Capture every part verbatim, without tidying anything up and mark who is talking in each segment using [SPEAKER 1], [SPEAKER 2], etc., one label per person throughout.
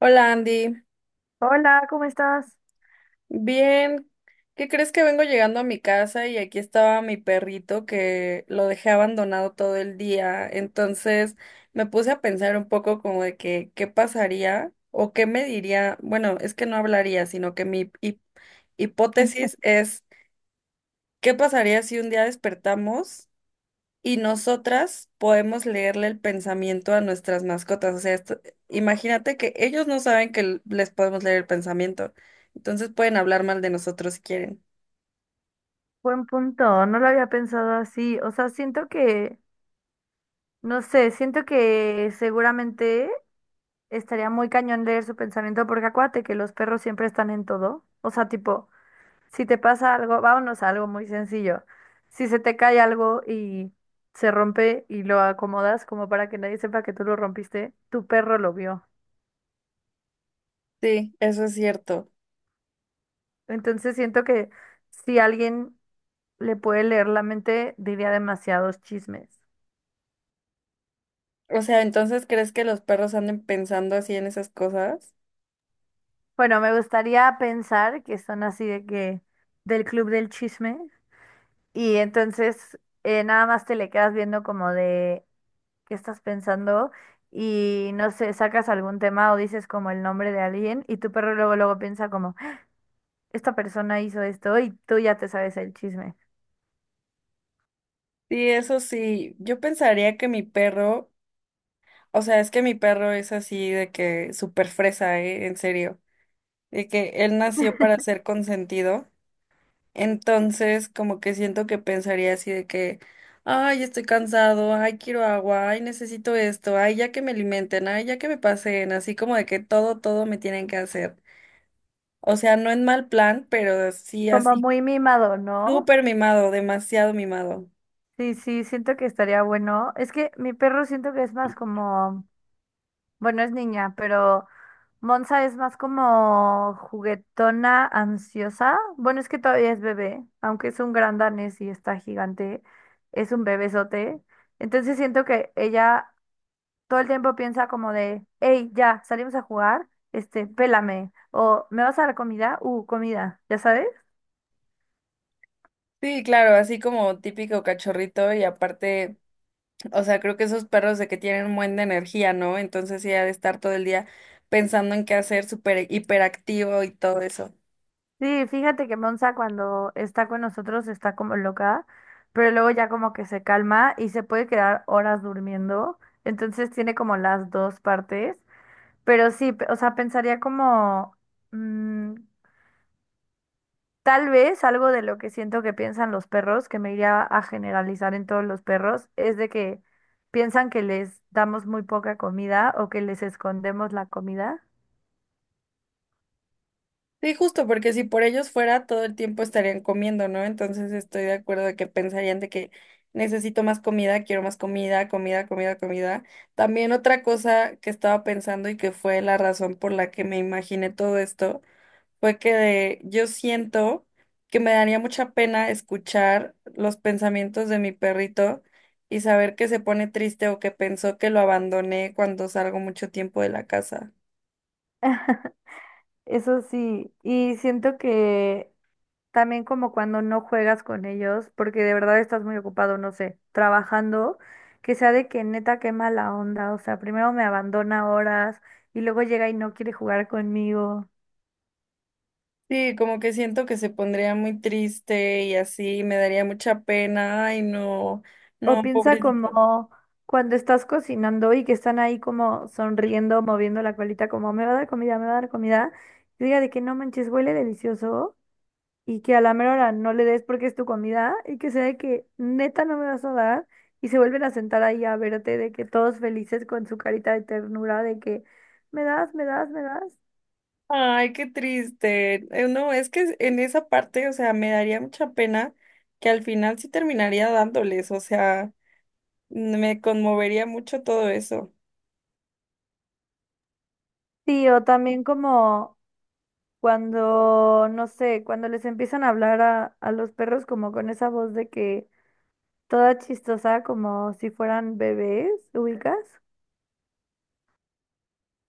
[SPEAKER 1] Hola Andy,
[SPEAKER 2] Hola, ¿cómo estás?
[SPEAKER 1] bien. ¿Qué crees? Que vengo llegando a mi casa y aquí estaba mi perrito que lo dejé abandonado todo el día. Entonces me puse a pensar un poco como de que qué pasaría o qué me diría. Bueno, es que no hablaría, sino que mi hip- hipótesis es qué pasaría si un día despertamos y nosotras podemos leerle el pensamiento a nuestras mascotas. O sea, esto- imagínate que ellos no saben que l- les podemos leer el pensamiento. Entonces pueden hablar mal de nosotros si quieren.
[SPEAKER 2] Buen punto, no lo había pensado así. O sea, siento que, no sé, siento que seguramente estaría muy cañón leer su pensamiento porque acuérdate que los perros siempre están en todo. O sea, tipo, si te pasa algo, vámonos a algo muy sencillo. Si se te cae algo y se rompe y lo acomodas como para que nadie sepa que tú lo rompiste, tu perro lo vio.
[SPEAKER 1] Sí, eso es cierto.
[SPEAKER 2] Entonces siento que si alguien le puede leer la mente, diría demasiados chismes.
[SPEAKER 1] O sea, entonces, ¿crees que los perros anden pensando así en esas cosas?
[SPEAKER 2] Bueno, me gustaría pensar que son así de que del club del chisme y entonces eh, nada más te le quedas viendo como de qué estás pensando y no sé, sacas algún tema o dices como el nombre de alguien y tu perro luego luego piensa como esta persona hizo esto y tú ya te sabes el chisme.
[SPEAKER 1] Sí, eso sí. Yo pensaría que mi perro, o sea, es que mi perro es así de que súper fresa, ¿eh? En serio. De que él nació para ser consentido. Entonces, como que siento que pensaría así de que ay, estoy cansado, ay, quiero agua, ay, necesito esto, ay, ya que me alimenten, ay, ya que me pasen, así como de que todo, todo me tienen que hacer. O sea, no en mal plan, pero sí
[SPEAKER 2] Como
[SPEAKER 1] así,
[SPEAKER 2] muy mimado, ¿no?
[SPEAKER 1] súper mimado, demasiado mimado.
[SPEAKER 2] Sí, sí, siento que estaría bueno. Es que mi perro siento que es más como Bueno, es niña, pero Monza es más como juguetona, ansiosa. Bueno, es que todavía es bebé, aunque es un gran danés y está gigante, es un bebesote. Entonces siento que ella todo el tiempo piensa como de, hey, ya, salimos a jugar, este, pélame, o ¿me vas a dar comida? Uh, comida, ¿ya sabes?
[SPEAKER 1] Sí, claro, así como típico cachorrito y aparte, o sea, creo que esos perros de que tienen un buen de energía, ¿no? Entonces sí, ha de estar todo el día pensando en qué hacer, súper hiperactivo y todo eso.
[SPEAKER 2] Sí, fíjate que Monza cuando está con nosotros está como loca, pero luego ya como que se calma y se puede quedar horas durmiendo. Entonces tiene como las dos partes, pero sí, pe- o sea, pensaría como mm, tal vez algo de lo que siento que piensan los perros, que me iría a generalizar en todos los perros, es de que piensan que les damos muy poca comida o que les escondemos la comida.
[SPEAKER 1] Sí, justo porque si por ellos fuera, todo el tiempo estarían comiendo, ¿no? Entonces estoy de acuerdo de que pensarían de que necesito más comida, quiero más comida, comida, comida, comida. También otra cosa que estaba pensando y que fue la razón por la que me imaginé todo esto, fue que de- yo siento que me daría mucha pena escuchar los pensamientos de mi perrito y saber que se pone triste o que pensó que lo abandoné cuando salgo mucho tiempo de la casa.
[SPEAKER 2] Eso sí, y siento que también como cuando no juegas con ellos, porque de verdad estás muy ocupado, no sé, trabajando, que sea de que neta qué mala onda, o sea, primero me abandona horas y luego llega y no quiere jugar conmigo.
[SPEAKER 1] Sí, como que siento que se pondría muy triste y así me daría mucha pena. Ay, no,
[SPEAKER 2] O
[SPEAKER 1] no,
[SPEAKER 2] piensa
[SPEAKER 1] pobrecito.
[SPEAKER 2] como cuando estás cocinando y que están ahí como sonriendo, moviendo la colita, como me va a dar comida, me va a dar comida, y diga de que no manches, huele delicioso. Y que a la mera hora no le des porque es tu comida y que sea de que neta no me vas a dar y se vuelven a sentar ahí a verte de que todos felices con su carita de ternura de que me das, me das, me das.
[SPEAKER 1] Ay, qué triste. Eh, No, es que en esa parte, o sea, me daría mucha pena que al final sí terminaría dándoles, o sea, me conmovería mucho todo eso.
[SPEAKER 2] Sí, o también como cuando, no sé, cuando les empiezan a hablar a, a los perros como con esa voz de que toda chistosa como si fueran bebés, ¿ubicas?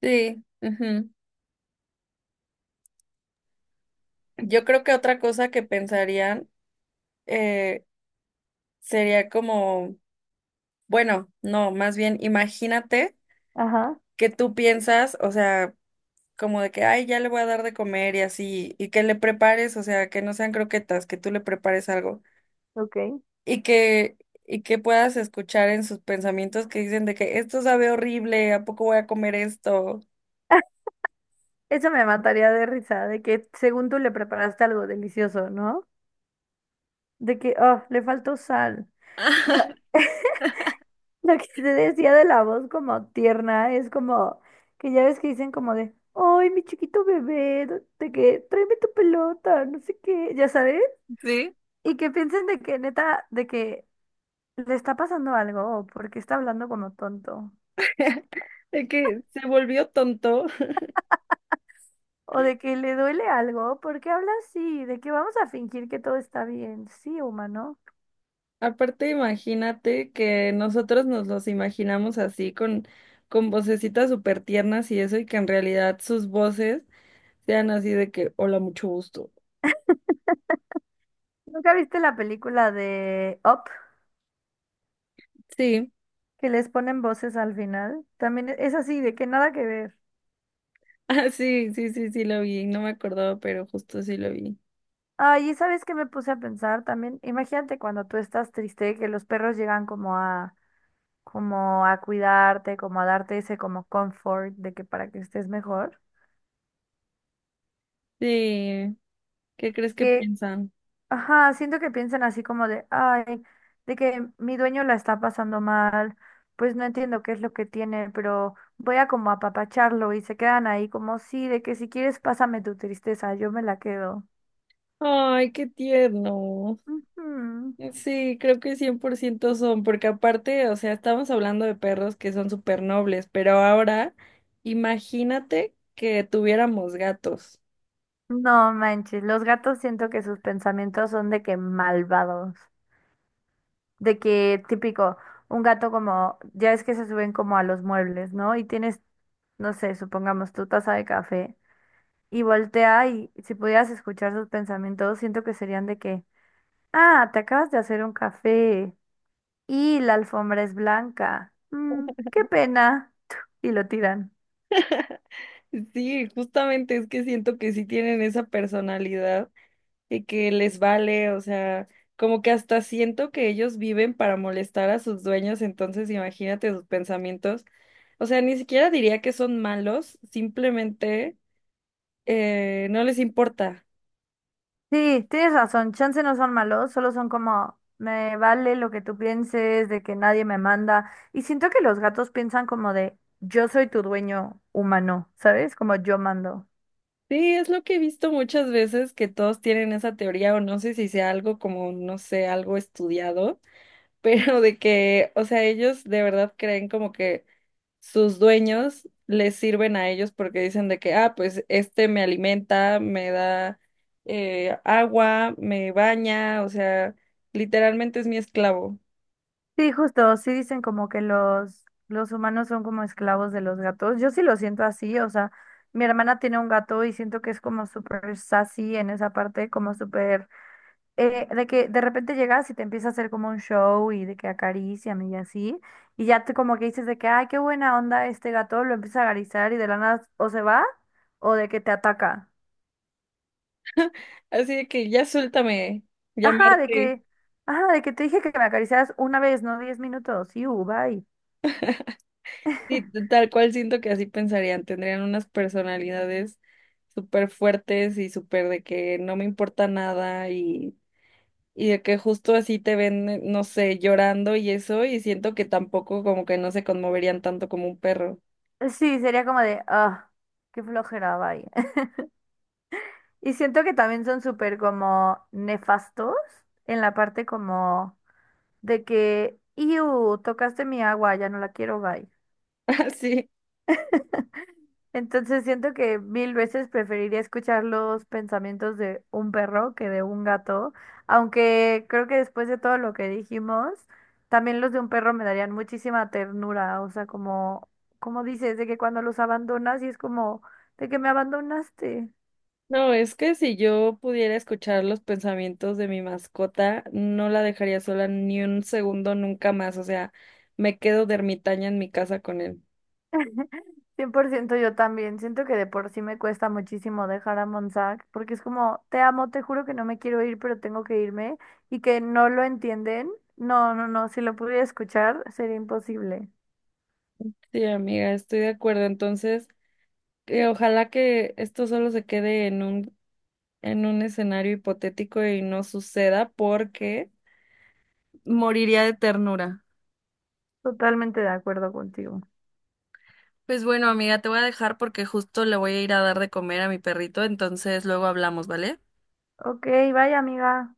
[SPEAKER 1] Sí, ujú. Yo creo que otra cosa que pensarían, eh, sería como, bueno, no, más bien imagínate
[SPEAKER 2] Ajá,
[SPEAKER 1] que tú piensas, o sea, como de que ay, ya le voy a dar de comer y así, y que le prepares, o sea, que no sean croquetas, que tú le prepares algo
[SPEAKER 2] ok.
[SPEAKER 1] y que y que puedas escuchar en sus pensamientos que dicen de que esto sabe horrible. ¿A poco voy a comer esto?
[SPEAKER 2] Eso me mataría de risa, de que según tú le preparaste algo delicioso, ¿no? De que, oh, le faltó sal. Pero lo que te decía de la voz como tierna es como que ya ves que dicen como de, ay, mi chiquito bebé, do- de que tráeme tu pelota, no sé qué, ya sabes.
[SPEAKER 1] Sí.
[SPEAKER 2] Y que piensen de que neta, de que le está pasando algo o porque está hablando como tonto.
[SPEAKER 1] De que se volvió tonto.
[SPEAKER 2] O de que le duele algo, porque habla así, de que vamos a fingir que todo está bien. Sí, humano.
[SPEAKER 1] Aparte, imagínate que nosotros nos los imaginamos así con, con vocecitas súper tiernas y eso, y que en realidad sus voces sean así de que hola, mucho gusto.
[SPEAKER 2] ¿Nunca viste la película de Up?
[SPEAKER 1] Sí.
[SPEAKER 2] Que les ponen voces al final. También es así, de que nada que ver.
[SPEAKER 1] Ah, sí, sí, sí, sí lo vi, no me acordaba, pero justo sí lo vi.
[SPEAKER 2] Ay, y sabes que me puse a pensar también, imagínate cuando tú estás triste, que los perros llegan como a, como a cuidarte, como a darte ese como comfort de que para que estés mejor.
[SPEAKER 1] Sí, ¿qué crees que
[SPEAKER 2] Que,
[SPEAKER 1] piensan?
[SPEAKER 2] ajá, siento que piensan así como de, ay, de que mi dueño la está pasando mal, pues no entiendo qué es lo que tiene, pero voy a como apapacharlo y se quedan ahí como, sí, de que si quieres pásame tu tristeza, yo me la quedo.
[SPEAKER 1] Ay, qué tierno.
[SPEAKER 2] Ujú.
[SPEAKER 1] Sí, creo que cien por ciento son, porque aparte, o sea, estamos hablando de perros que son súper nobles, pero ahora imagínate que tuviéramos gatos.
[SPEAKER 2] No manches, los gatos siento que sus pensamientos son de que malvados, de que típico, un gato como, ya es que se suben como a los muebles, ¿no? Y tienes, no sé, supongamos tu taza de café y voltea y si pudieras escuchar sus pensamientos, siento que serían de que, ah, te acabas de hacer un café y la alfombra es blanca, Mm, qué pena, y lo tiran.
[SPEAKER 1] Sí, justamente es que siento que sí tienen esa personalidad, y que les vale, o sea, como que hasta siento que ellos viven para molestar a sus dueños, entonces imagínate sus pensamientos. O sea, ni siquiera diría que son malos, simplemente eh, no les importa.
[SPEAKER 2] Sí, tienes razón, chance no son malos, solo son como, me vale lo que tú pienses, de que nadie me manda. Y siento que los gatos piensan como de, yo soy tu dueño humano, ¿sabes? Como yo mando.
[SPEAKER 1] Sí, es lo que he visto muchas veces que todos tienen esa teoría, o no sé si sea algo como, no sé, algo estudiado, pero de que, o sea, ellos de verdad creen como que sus dueños les sirven a ellos porque dicen de que ah, pues este me alimenta, me da, eh, agua, me baña, o sea, literalmente es mi esclavo.
[SPEAKER 2] Sí, justo, sí dicen como que los, los humanos son como esclavos de los gatos. Yo sí lo siento así, o sea, mi hermana tiene un gato y siento que es como súper sassy en esa parte, como súper... eh, de que de repente llegas y te empieza a hacer como un show y de que acarician y así, y ya te como que dices de que, ay, qué buena onda este gato, lo empieza a acariciar y de la nada o se va o de que te ataca.
[SPEAKER 1] Así de que ya suéltame, ya me
[SPEAKER 2] Ajá, de
[SPEAKER 1] harté.
[SPEAKER 2] que, ajá, de que te dije que me acariciaras una vez, no diez minutos, y uh, bye.
[SPEAKER 1] Sí, t- tal cual siento que así pensarían, tendrían unas personalidades súper fuertes y súper de que no me importa nada, y y de que justo así te ven, eh, no sé, llorando y eso, y siento que tampoco como que no se conmoverían tanto como un perro.
[SPEAKER 2] Sí, sería como de, ah, qué flojera, bye. Y siento que también son súper como nefastos en la parte como de que, iu, tocaste mi agua, ya no la quiero, bye.
[SPEAKER 1] Sí,
[SPEAKER 2] Entonces siento que mil veces preferiría escuchar los pensamientos de un perro que de un gato, aunque creo que después de todo lo que dijimos, también los de un perro me darían muchísima ternura, o sea, como, como dices, de que cuando los abandonas y es como, de que me abandonaste.
[SPEAKER 1] no, es que si yo pudiera escuchar los pensamientos de mi mascota, no la dejaría sola ni un segundo nunca más, o sea, me quedo de ermitaña en mi casa con él.
[SPEAKER 2] Cien por ciento yo también, siento que de por sí me cuesta muchísimo dejar a Monsac, porque es como, te amo, te juro que no me quiero ir, pero tengo que irme, y que no lo entienden. No, no, no, si lo pudiera escuchar sería imposible.
[SPEAKER 1] Sí, amiga, estoy de acuerdo. Entonces, que ojalá que esto solo se quede en un, en un escenario hipotético y no suceda porque moriría de ternura.
[SPEAKER 2] Totalmente de acuerdo contigo.
[SPEAKER 1] Pues bueno, amiga, te voy a dejar porque justo le voy a ir a dar de comer a mi perrito, entonces luego hablamos, ¿vale?
[SPEAKER 2] Ok, vaya amiga.